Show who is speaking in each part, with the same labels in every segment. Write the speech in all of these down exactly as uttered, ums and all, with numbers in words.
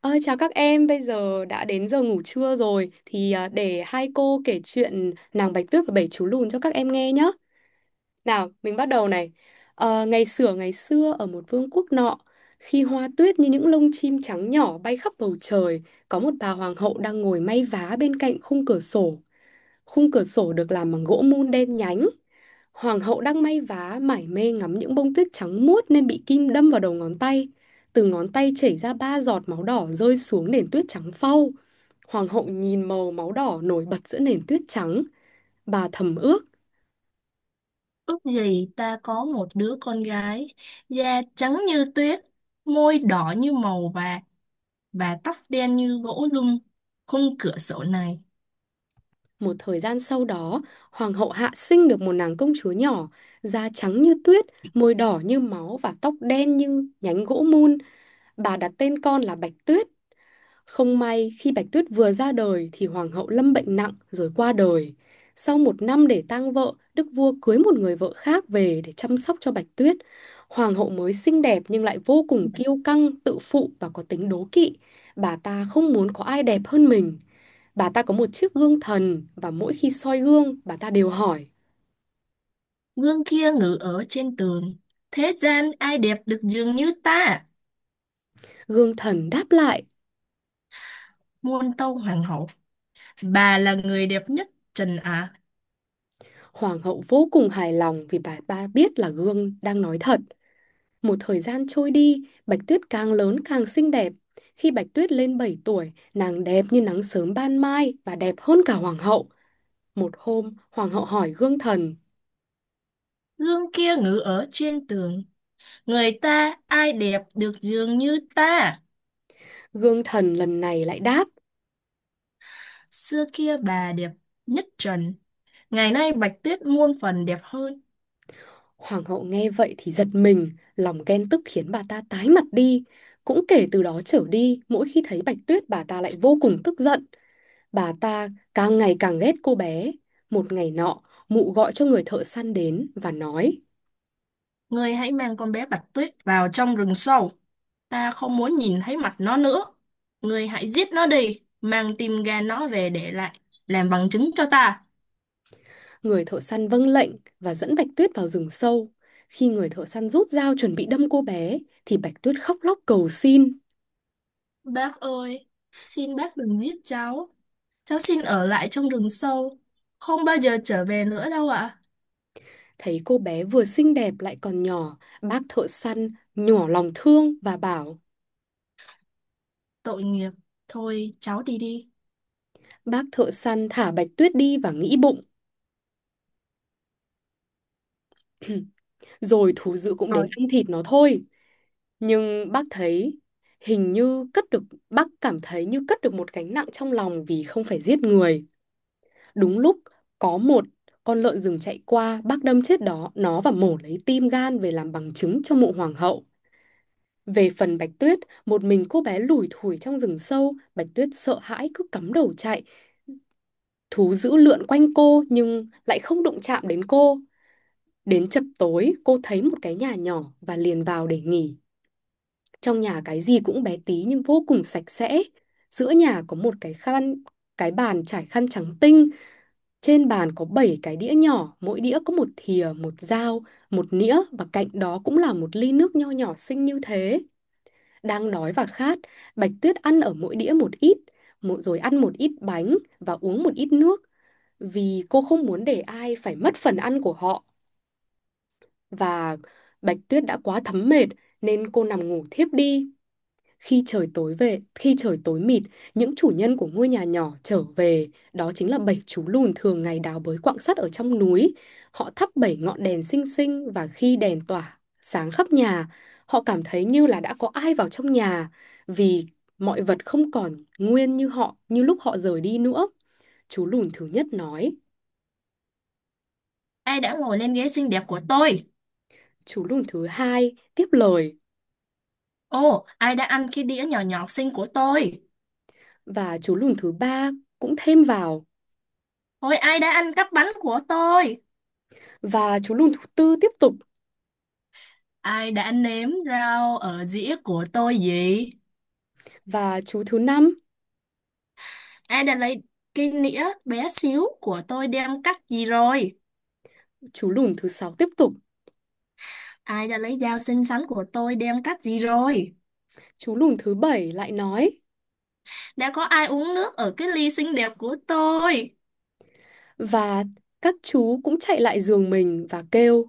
Speaker 1: Ơi, chào các em, bây giờ đã đến giờ ngủ trưa rồi thì à, để hai cô kể chuyện nàng Bạch Tuyết và bảy chú lùn cho các em nghe nhé. Nào, mình bắt đầu này. Ờ, ngày xửa ngày xưa ở một vương quốc nọ, khi hoa tuyết như những lông chim trắng nhỏ bay khắp bầu trời, có một bà hoàng hậu đang ngồi may vá bên cạnh khung cửa sổ. Khung cửa sổ được làm bằng gỗ mun đen nhánh. Hoàng hậu đang may vá mải mê ngắm những bông tuyết trắng muốt nên bị kim đâm vào đầu ngón tay. Từ ngón tay chảy ra ba giọt máu đỏ rơi xuống nền tuyết trắng phau. Hoàng hậu nhìn màu máu đỏ nổi bật giữa nền tuyết trắng. Bà thầm ước.
Speaker 2: Ước gì ta có một đứa con gái, da trắng như tuyết, môi đỏ như màu vàng và tóc đen như gỗ lung. Khung cửa sổ này,
Speaker 1: Một thời gian sau đó, hoàng hậu Hạ sinh được một nàng công chúa nhỏ, da trắng như tuyết, môi đỏ như máu và tóc đen như nhánh gỗ mun. Bà đặt tên con là Bạch Tuyết. Không may, khi Bạch Tuyết vừa ra đời thì hoàng hậu lâm bệnh nặng rồi qua đời. Sau một năm để tang vợ, đức vua cưới một người vợ khác về để chăm sóc cho Bạch Tuyết. Hoàng hậu mới xinh đẹp nhưng lại vô cùng kiêu căng, tự phụ và có tính đố kỵ. Bà ta không muốn có ai đẹp hơn mình. Bà ta có một chiếc gương thần và mỗi khi soi gương, bà ta đều hỏi.
Speaker 2: gương kia ngự ở trên tường. Thế gian ai đẹp được dường như ta?
Speaker 1: Gương thần đáp lại.
Speaker 2: Muôn tâu hoàng hậu, bà là người đẹp nhất trần ạ.
Speaker 1: Hoàng hậu vô cùng hài lòng vì bà ta biết là gương đang nói thật. Một thời gian trôi đi, Bạch Tuyết càng lớn càng xinh đẹp. Khi Bạch Tuyết lên bảy tuổi, nàng đẹp như nắng sớm ban mai và đẹp hơn cả hoàng hậu. Một hôm, hoàng hậu hỏi gương thần.
Speaker 2: Gương kia ngự ở trên tường, người ta ai đẹp được dường như ta?
Speaker 1: Gương thần lần này lại đáp.
Speaker 2: Xưa kia bà đẹp nhất trần, ngày nay Bạch Tuyết muôn phần đẹp hơn.
Speaker 1: Hoàng hậu nghe vậy thì giật mình, lòng ghen tức khiến bà ta tái mặt đi. Cũng kể từ đó trở đi, mỗi khi thấy Bạch Tuyết bà ta lại vô cùng tức giận. Bà ta càng ngày càng ghét cô bé. Một ngày nọ, mụ gọi cho người thợ săn đến và nói.
Speaker 2: Ngươi hãy mang con bé Bạch Tuyết vào trong rừng sâu. Ta không muốn nhìn thấy mặt nó nữa. Ngươi hãy giết nó đi, mang tim gan nó về để lại, làm bằng chứng cho ta.
Speaker 1: Người thợ săn vâng lệnh và dẫn Bạch Tuyết vào rừng sâu. Khi người thợ săn rút dao chuẩn bị đâm cô bé, thì Bạch Tuyết khóc lóc cầu xin.
Speaker 2: Bác ơi, xin bác đừng giết cháu. Cháu xin ở lại trong rừng sâu. Không bao giờ trở về nữa đâu ạ.
Speaker 1: Thấy cô bé vừa xinh đẹp lại còn nhỏ, bác thợ săn nhỏ lòng thương và bảo.
Speaker 2: Tội nghiệp. Thôi, cháu đi đi.
Speaker 1: Bác thợ săn thả Bạch Tuyết đi và nghĩ bụng, rồi thú dữ cũng
Speaker 2: Rồi,
Speaker 1: đến ăn thịt nó thôi. Nhưng bác thấy hình như cất được, bác cảm thấy như cất được một gánh nặng trong lòng vì không phải giết người. Đúng lúc có một con lợn rừng chạy qua, bác đâm chết đó, nó và mổ lấy tim gan về làm bằng chứng cho mộ hoàng hậu. Về phần Bạch Tuyết, một mình cô bé lủi thủi trong rừng sâu, Bạch Tuyết sợ hãi cứ cắm đầu chạy. Thú dữ lượn quanh cô nhưng lại không đụng chạm đến cô. Đến chập tối, cô thấy một cái nhà nhỏ và liền vào để nghỉ. Trong nhà cái gì cũng bé tí nhưng vô cùng sạch sẽ. Giữa nhà có một cái khăn, cái bàn trải khăn trắng tinh. Trên bàn có bảy cái đĩa nhỏ, mỗi đĩa có một thìa, một dao, một nĩa và cạnh đó cũng là một ly nước nho nhỏ xinh như thế. Đang đói và khát, Bạch Tuyết ăn ở mỗi đĩa một ít, mỗi rồi ăn một ít bánh và uống một ít nước vì cô không muốn để ai phải mất phần ăn của họ. Và Bạch Tuyết đã quá thấm mệt nên cô nằm ngủ thiếp đi. Khi trời tối về, khi trời tối mịt, những chủ nhân của ngôi nhà nhỏ trở về, đó chính là bảy chú lùn thường ngày đào bới quặng sắt ở trong núi. Họ thắp bảy ngọn đèn xinh xinh và khi đèn tỏa sáng khắp nhà, họ cảm thấy như là đã có ai vào trong nhà vì mọi vật không còn nguyên như họ như lúc họ rời đi nữa. Chú lùn thứ nhất nói.
Speaker 2: ai đã ngồi lên ghế xinh đẹp của tôi?
Speaker 1: Chú lùn thứ hai tiếp lời.
Speaker 2: Ồ, ai đã ăn cái đĩa nhỏ nhỏ xinh của tôi?
Speaker 1: Và chú lùn thứ ba cũng thêm vào.
Speaker 2: Ôi, ai đã ăn cắp bánh của tôi?
Speaker 1: Và chú lùn thứ tư tiếp tục.
Speaker 2: Ai đã nếm rau ở dĩa của tôi gì?
Speaker 1: Và chú thứ năm.
Speaker 2: Ai đã lấy cái nĩa bé xíu của tôi đem cắt gì rồi?
Speaker 1: Chú lùn thứ sáu tiếp tục.
Speaker 2: Ai đã lấy dao xinh xắn của tôi đem cắt gì rồi?
Speaker 1: Chú lùn thứ bảy lại nói.
Speaker 2: Đã có ai uống nước ở cái ly xinh đẹp của tôi?
Speaker 1: Và các chú cũng chạy lại giường mình và kêu.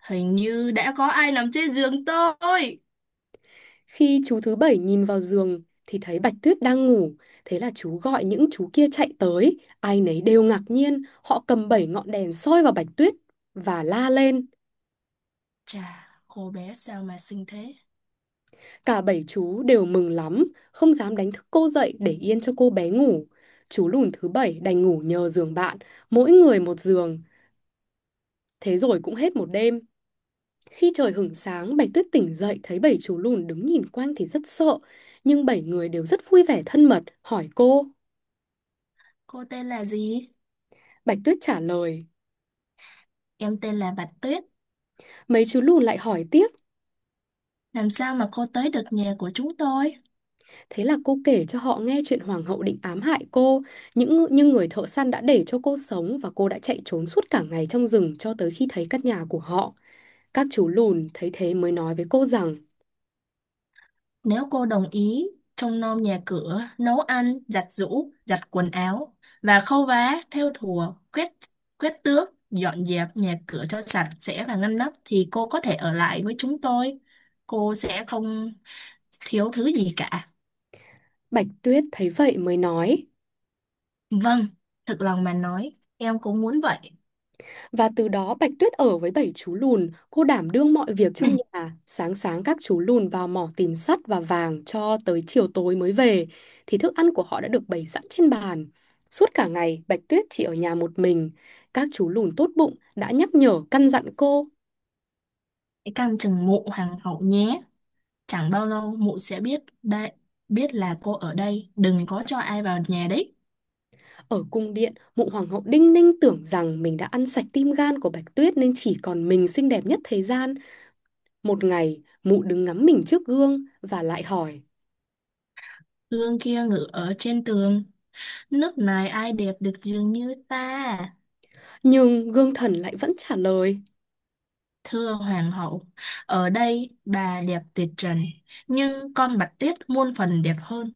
Speaker 2: Hình như đã có ai nằm trên giường tôi.
Speaker 1: Khi chú thứ bảy nhìn vào giường thì thấy Bạch Tuyết đang ngủ, thế là chú gọi những chú kia chạy tới, ai nấy đều ngạc nhiên, họ cầm bảy ngọn đèn soi vào Bạch Tuyết và la lên.
Speaker 2: Chà, cô bé sao mà xinh thế?
Speaker 1: Cả bảy chú đều mừng lắm, không dám đánh thức cô dậy để yên cho cô bé ngủ. Chú lùn thứ bảy đành ngủ nhờ giường bạn, mỗi người một giường. Thế rồi cũng hết một đêm. Khi trời hửng sáng, Bạch Tuyết tỉnh dậy thấy bảy chú lùn đứng nhìn quanh thì rất sợ. Nhưng bảy người đều rất vui vẻ thân mật, hỏi cô.
Speaker 2: Cô tên là gì?
Speaker 1: Bạch Tuyết trả lời.
Speaker 2: Em tên là Bạch Tuyết.
Speaker 1: Mấy chú lùn lại hỏi tiếp.
Speaker 2: Làm sao mà cô tới được nhà của chúng tôi?
Speaker 1: Thế là cô kể cho họ nghe chuyện hoàng hậu định ám hại cô, những nhưng người thợ săn đã để cho cô sống và cô đã chạy trốn suốt cả ngày trong rừng cho tới khi thấy căn nhà của họ. Các chú lùn thấy thế mới nói với cô rằng.
Speaker 2: Nếu cô đồng ý, trông nom nhà cửa, nấu ăn, giặt giũ, giặt quần áo và khâu vá, thêu thùa, quét quét tước, dọn dẹp nhà cửa cho sạch sẽ và ngăn nắp thì cô có thể ở lại với chúng tôi. Cô sẽ không thiếu thứ gì cả.
Speaker 1: Bạch Tuyết thấy vậy mới nói.
Speaker 2: Vâng, thực lòng mà nói, em cũng muốn vậy.
Speaker 1: Và từ đó Bạch Tuyết ở với bảy chú lùn, cô đảm đương mọi việc trong nhà. Sáng sáng các chú lùn vào mỏ tìm sắt và vàng cho tới chiều tối mới về, thì thức ăn của họ đã được bày sẵn trên bàn. Suốt cả ngày, Bạch Tuyết chỉ ở nhà một mình. Các chú lùn tốt bụng đã nhắc nhở căn dặn cô.
Speaker 2: Hãy canh chừng mụ hoàng hậu nhé. Chẳng bao lâu mụ sẽ biết đây, biết là cô ở đây, đừng có cho ai vào nhà đấy.
Speaker 1: Ở cung điện, mụ hoàng hậu đinh ninh tưởng rằng mình đã ăn sạch tim gan của Bạch Tuyết nên chỉ còn mình xinh đẹp nhất thế gian. Một ngày, mụ đứng ngắm mình trước gương và lại hỏi.
Speaker 2: Gương kia ngự ở trên tường. Nước này ai đẹp được dường như ta,
Speaker 1: Nhưng gương thần lại vẫn trả lời.
Speaker 2: thưa hoàng hậu. Ở đây bà đẹp tuyệt trần, nhưng con Bạch Tuyết muôn phần đẹp hơn.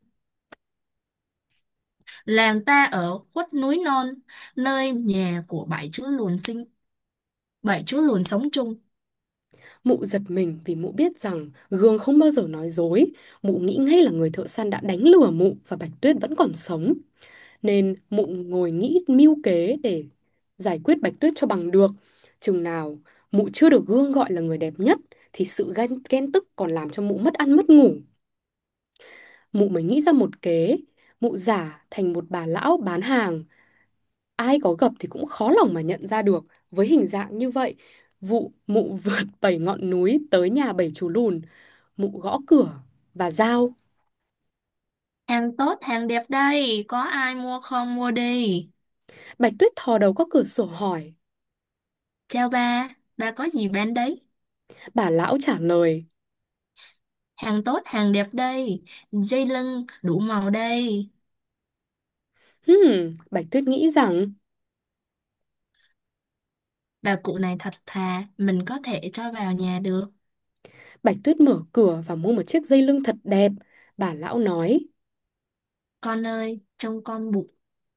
Speaker 2: Làng ta ở khuất núi non, nơi nhà của bảy chú lùn sinh, bảy chú lùn sống chung.
Speaker 1: Mụ giật mình vì mụ biết rằng gương không bao giờ nói dối. Mụ nghĩ ngay là người thợ săn đã đánh lừa mụ và Bạch Tuyết vẫn còn sống. Nên mụ ngồi nghĩ mưu kế để giải quyết Bạch Tuyết cho bằng được. Chừng nào mụ chưa được gương gọi là người đẹp nhất thì sự ghen, ghen tức còn làm cho mụ mất ăn mất ngủ. Mụ mới nghĩ ra một kế. Mụ giả thành một bà lão bán hàng. Ai có gặp thì cũng khó lòng mà nhận ra được. Với hình dạng như vậy, vụ mụ vượt bảy ngọn núi tới nhà bảy chú lùn, mụ gõ cửa và giao.
Speaker 2: Hàng tốt, hàng đẹp đây, có ai mua không mua đi.
Speaker 1: Bạch Tuyết thò đầu qua cửa sổ hỏi.
Speaker 2: Chào bà, bà có gì bán đấy?
Speaker 1: Bà lão trả lời.
Speaker 2: Hàng tốt, hàng đẹp đây, dây lưng đủ màu đây.
Speaker 1: Hmm, bạch Tuyết nghĩ rằng.
Speaker 2: Bà cụ này thật thà, mình có thể cho vào nhà được.
Speaker 1: Bạch Tuyết mở cửa và mua một chiếc dây lưng thật đẹp. Bà lão nói.
Speaker 2: Con ơi, trông con bụng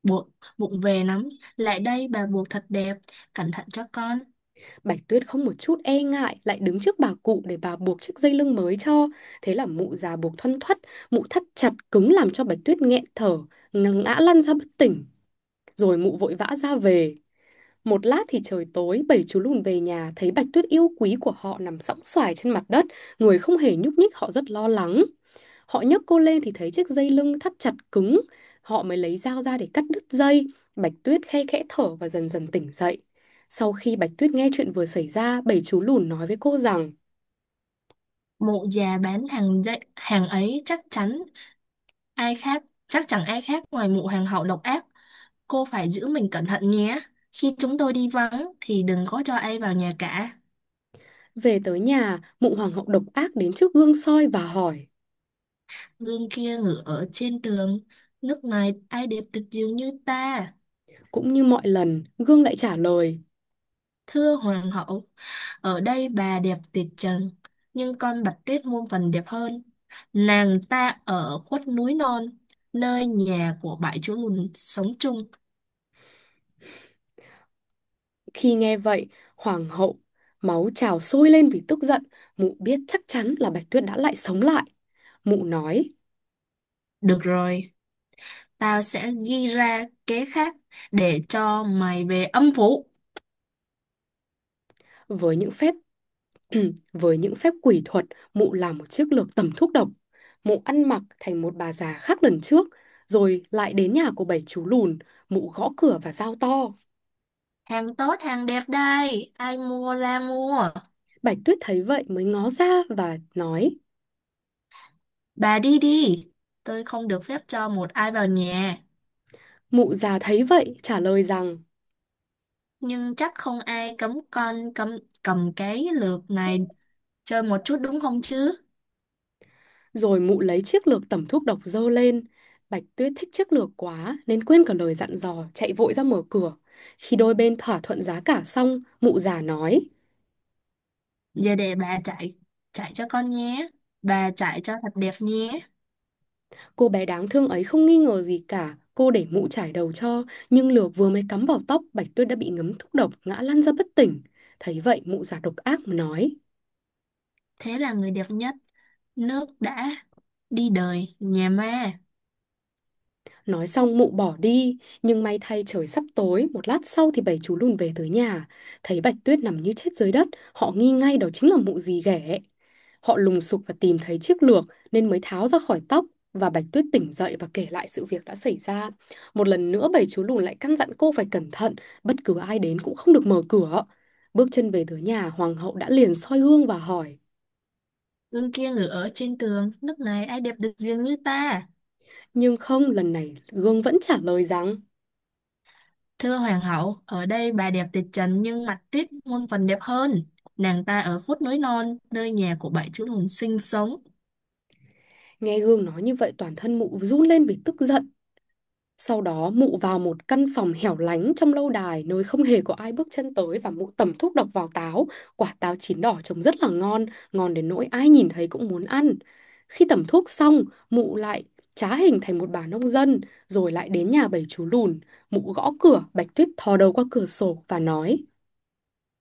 Speaker 2: bụng bụng về lắm. Lại đây bà buộc thật đẹp, cẩn thận cho con.
Speaker 1: Bạch Tuyết không một chút e ngại lại đứng trước bà cụ để bà buộc chiếc dây lưng mới cho. Thế là mụ già buộc thoăn thoắt, mụ thắt chặt cứng làm cho Bạch Tuyết nghẹn thở, ngã lăn ra bất tỉnh. Rồi mụ vội vã ra về. Một lát thì trời tối, bảy chú lùn về nhà thấy Bạch Tuyết yêu quý của họ nằm sõng soài trên mặt đất, người không hề nhúc nhích, họ rất lo lắng. Họ nhấc cô lên thì thấy chiếc dây lưng thắt chặt cứng, họ mới lấy dao ra để cắt đứt dây. Bạch Tuyết khe khẽ thở và dần dần tỉnh dậy. Sau khi Bạch Tuyết nghe chuyện vừa xảy ra, bảy chú lùn nói với cô rằng.
Speaker 2: Mụ già bán hàng dạy, hàng ấy chắc chắn ai khác, chắc chẳng ai khác ngoài mụ hàng hậu độc ác. Cô phải giữ mình cẩn thận nhé. Khi chúng tôi đi vắng thì đừng có cho ai vào nhà cả.
Speaker 1: Về tới nhà, mụ hoàng hậu độc ác đến trước gương soi và hỏi.
Speaker 2: Gương kia ngửa ở trên tường, nước này ai đẹp tuyệt diệu như ta.
Speaker 1: Cũng như mọi lần, gương lại trả lời.
Speaker 2: Thưa hoàng hậu, ở đây bà đẹp tuyệt trần, nhưng con Bạch Tuyết muôn phần đẹp hơn. Nàng ta ở khuất núi non, nơi nhà của bảy chú lùn sống chung.
Speaker 1: Khi nghe vậy, hoàng hậu máu trào sôi lên vì tức giận, mụ biết chắc chắn là Bạch Tuyết đã lại sống lại. Mụ nói.
Speaker 2: Được rồi, tao sẽ ghi ra kế khác để cho mày về âm phủ.
Speaker 1: Với những phép với những phép quỷ thuật, mụ làm một chiếc lược tẩm thuốc độc. Mụ ăn mặc thành một bà già khác lần trước, rồi lại đến nhà của bảy chú lùn, mụ gõ cửa và giao to.
Speaker 2: Hàng tốt, hàng đẹp đây, ai mua ra mua.
Speaker 1: Bạch Tuyết thấy vậy mới ngó ra và nói.
Speaker 2: Bà đi đi, tôi không được phép cho một ai vào nhà.
Speaker 1: Mụ già thấy vậy trả lời rằng.
Speaker 2: Nhưng chắc không ai cấm con cầm, cầm cái lược này chơi một chút đúng không chứ?
Speaker 1: Rồi mụ lấy chiếc lược tẩm thuốc độc dơ lên. Bạch Tuyết thích chiếc lược quá nên quên cả lời dặn dò, chạy vội ra mở cửa. Khi đôi bên thỏa thuận giá cả xong, mụ già nói.
Speaker 2: Giờ để bà chạy chạy cho con nhé. Bà chạy cho thật đẹp nhé.
Speaker 1: Cô bé đáng thương ấy không nghi ngờ gì cả, cô để mụ chải đầu cho, nhưng lược vừa mới cắm vào tóc, Bạch Tuyết đã bị ngấm thuốc độc, ngã lăn ra bất tỉnh. Thấy vậy, mụ già độc ác mà nói.
Speaker 2: Thế là người đẹp nhất. Nước đã đi đời nhà ma.
Speaker 1: Nói xong mụ bỏ đi, nhưng may thay trời sắp tối, một lát sau thì bảy chú lùn về tới nhà. Thấy Bạch Tuyết nằm như chết dưới đất, họ nghi ngay đó chính là mụ dì ghẻ. Họ lùng sục và tìm thấy chiếc lược nên mới tháo ra khỏi tóc, và Bạch Tuyết tỉnh dậy và kể lại sự việc đã xảy ra. Một lần nữa bảy chú lùn lại căn dặn cô phải cẩn thận, bất cứ ai đến cũng không được mở cửa. Bước chân về tới nhà, hoàng hậu đã liền soi gương và hỏi.
Speaker 2: Gương kia ngự ở trên tường. Nước này ai đẹp được riêng như ta.
Speaker 1: Nhưng không, lần này gương vẫn trả lời rằng.
Speaker 2: Thưa hoàng hậu, ở đây bà đẹp tuyệt trần nhưng mặt tiết muôn phần đẹp hơn. Nàng ta ở khuất núi non, nơi nhà của bảy chú lùn sinh sống.
Speaker 1: Nghe gương nói như vậy toàn thân mụ run lên vì tức giận. Sau đó mụ vào một căn phòng hẻo lánh trong lâu đài nơi không hề có ai bước chân tới và mụ tẩm thuốc độc vào táo. Quả táo chín đỏ trông rất là ngon, ngon đến nỗi ai nhìn thấy cũng muốn ăn. Khi tẩm thuốc xong, mụ lại trá hình thành một bà nông dân, rồi lại đến nhà bảy chú lùn. Mụ gõ cửa, Bạch Tuyết thò đầu qua cửa sổ và nói.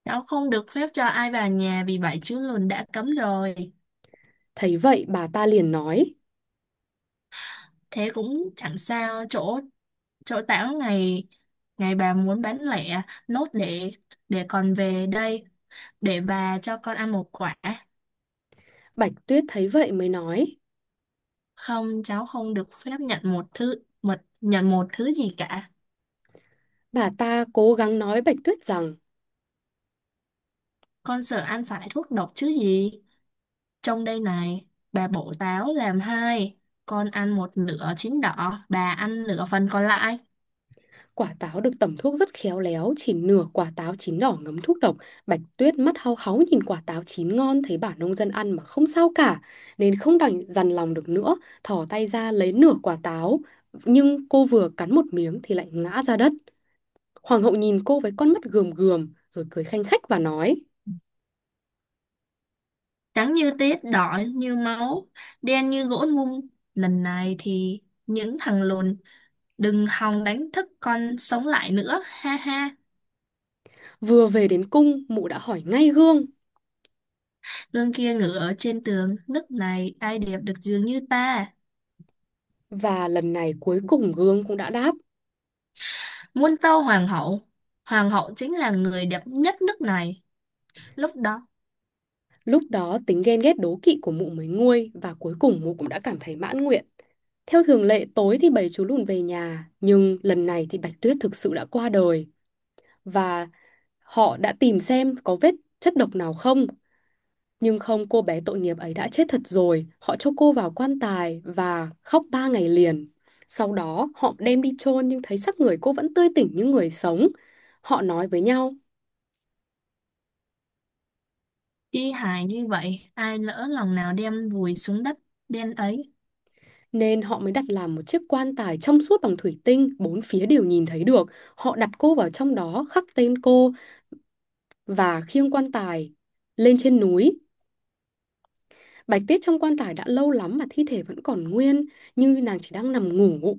Speaker 2: Cháu không được phép cho ai vào nhà vì bảy chú lùn đã cấm rồi.
Speaker 1: Thấy vậy bà ta liền nói.
Speaker 2: Thế cũng chẳng sao, chỗ chỗ tảo ngày ngày bà muốn bán lẻ nốt để để còn về đây để bà cho con ăn một quả.
Speaker 1: Bạch Tuyết thấy vậy mới nói.
Speaker 2: Không, cháu không được phép nhận một thứ mật nhận một thứ gì cả.
Speaker 1: Bà ta cố gắng nói Bạch Tuyết rằng.
Speaker 2: Con sợ ăn phải thuốc độc chứ gì, trong đây này bà bổ táo làm hai, con ăn một nửa chín đỏ bà ăn nửa phần còn lại.
Speaker 1: Quả táo được tẩm thuốc rất khéo léo, chỉ nửa quả táo chín đỏ ngấm thuốc độc. Bạch Tuyết mắt hau háu nhìn quả táo chín ngon thấy bà nông dân ăn mà không sao cả, nên không đành dằn lòng được nữa, thò tay ra lấy nửa quả táo. Nhưng cô vừa cắn một miếng thì lại ngã ra đất. Hoàng hậu nhìn cô với con mắt gườm gườm, rồi cười khanh khách và nói.
Speaker 2: Trắng như tiết, đỏ như máu, đen như gỗ mung, lần này thì những thằng lùn đừng hòng đánh thức con sống lại nữa, ha ha.
Speaker 1: Vừa về đến cung, mụ đã hỏi ngay Gương.
Speaker 2: Gương kia ngự ở trên tường, nước này ai đẹp được dường như ta.
Speaker 1: Và lần này cuối cùng Gương cũng đã đáp.
Speaker 2: Muôn tâu hoàng hậu, hoàng hậu chính là người đẹp nhất nước này. Lúc đó,
Speaker 1: Lúc đó tính ghen ghét đố kỵ của mụ mới nguôi và cuối cùng mụ cũng đã cảm thấy mãn nguyện. Theo thường lệ tối thì bầy chú lùn về nhà, nhưng lần này thì Bạch Tuyết thực sự đã qua đời, và họ đã tìm xem có vết chất độc nào không. Nhưng không, cô bé tội nghiệp ấy đã chết thật rồi. Họ cho cô vào quan tài và khóc ba ngày liền. Sau đó họ đem đi chôn nhưng thấy xác người cô vẫn tươi tỉnh như người sống. Họ nói với nhau.
Speaker 2: y hài như vậy, ai lỡ lòng nào đem vùi xuống đất đen ấy,
Speaker 1: Nên họ mới đặt làm một chiếc quan tài trong suốt bằng thủy tinh, bốn phía đều nhìn thấy được. Họ đặt cô vào trong đó, khắc tên cô và khiêng quan tài lên trên núi. Bạch Tuyết trong quan tài đã lâu lắm mà thi thể vẫn còn nguyên, như nàng chỉ đang nằm ngủ.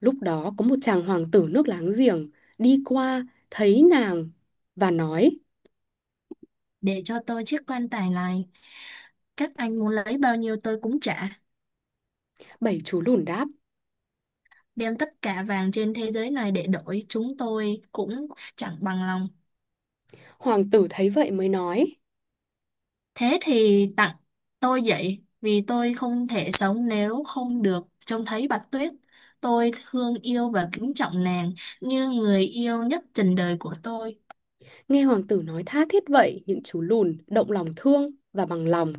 Speaker 1: Lúc đó có một chàng hoàng tử nước láng giềng đi qua, thấy nàng và nói,
Speaker 2: để cho tôi chiếc quan tài này. Các anh muốn lấy bao nhiêu tôi cũng trả,
Speaker 1: bảy chú lùn đáp.
Speaker 2: đem tất cả vàng trên thế giới này để đổi, chúng tôi cũng chẳng bằng lòng.
Speaker 1: Hoàng tử thấy vậy mới nói,
Speaker 2: Thế thì tặng tôi vậy, vì tôi không thể sống nếu không được trông thấy Bạch Tuyết. Tôi thương yêu và kính trọng nàng như người yêu nhất trần đời của tôi.
Speaker 1: nghe hoàng tử nói tha thiết vậy, những chú lùn động lòng thương và bằng lòng.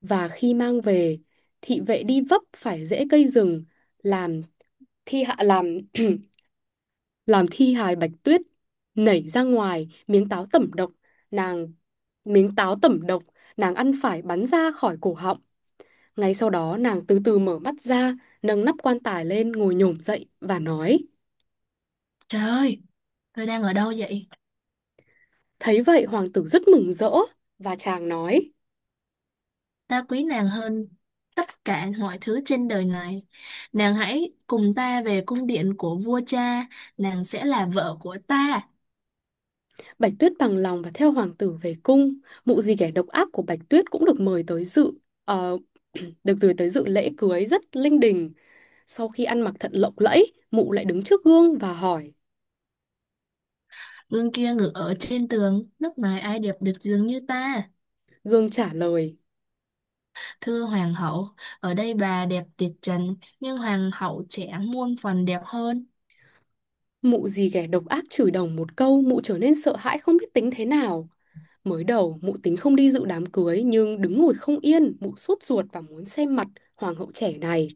Speaker 1: Và khi mang về, thị vệ đi vấp phải rễ cây rừng, làm thi hạ làm làm thi hài Bạch Tuyết nảy ra ngoài miếng táo tẩm độc, nàng miếng táo tẩm độc nàng ăn phải bắn ra khỏi cổ họng. Ngay sau đó nàng từ từ mở mắt ra, nâng nắp quan tài lên ngồi nhổm dậy và nói.
Speaker 2: Trời ơi, tôi đang ở đâu vậy?
Speaker 1: Thấy vậy hoàng tử rất mừng rỡ và chàng nói.
Speaker 2: Ta quý nàng hơn tất cả mọi thứ trên đời này. Nàng hãy cùng ta về cung điện của vua cha, nàng sẽ là vợ của ta.
Speaker 1: Bạch Tuyết bằng lòng và theo hoàng tử về cung. Mụ dì ghẻ độc ác của Bạch Tuyết cũng được mời tới dự ờ, được gửi tới dự lễ cưới rất linh đình. Sau khi ăn mặc thật lộng lẫy, mụ lại đứng trước gương và hỏi.
Speaker 2: Gương kia ngự ở trên tường, lúc này ai đẹp được dường như ta.
Speaker 1: Gương trả lời.
Speaker 2: Thưa hoàng hậu, ở đây bà đẹp tuyệt trần, nhưng hoàng hậu trẻ muôn phần đẹp hơn.
Speaker 1: Mụ dì ghẻ độc ác chửi đồng một câu, mụ trở nên sợ hãi không biết tính thế nào. Mới đầu, mụ tính không đi dự đám cưới nhưng đứng ngồi không yên, mụ sốt ruột và muốn xem mặt hoàng hậu trẻ này.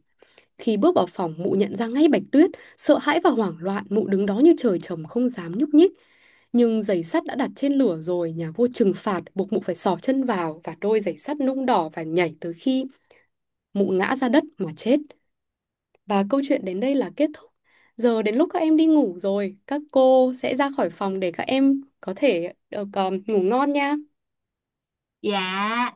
Speaker 1: Khi bước vào phòng, mụ nhận ra ngay Bạch Tuyết, sợ hãi và hoảng loạn, mụ đứng đó như trời trồng không dám nhúc nhích. Nhưng giày sắt đã đặt trên lửa rồi, nhà vua trừng phạt, buộc mụ phải xỏ chân vào và đôi giày sắt nung đỏ và nhảy tới khi mụ ngã ra đất mà chết. Và câu chuyện đến đây là kết thúc. Giờ đến lúc các em đi ngủ rồi, các cô sẽ ra khỏi phòng để các em có thể được ờ, ngủ ngon nha.
Speaker 2: Dạ.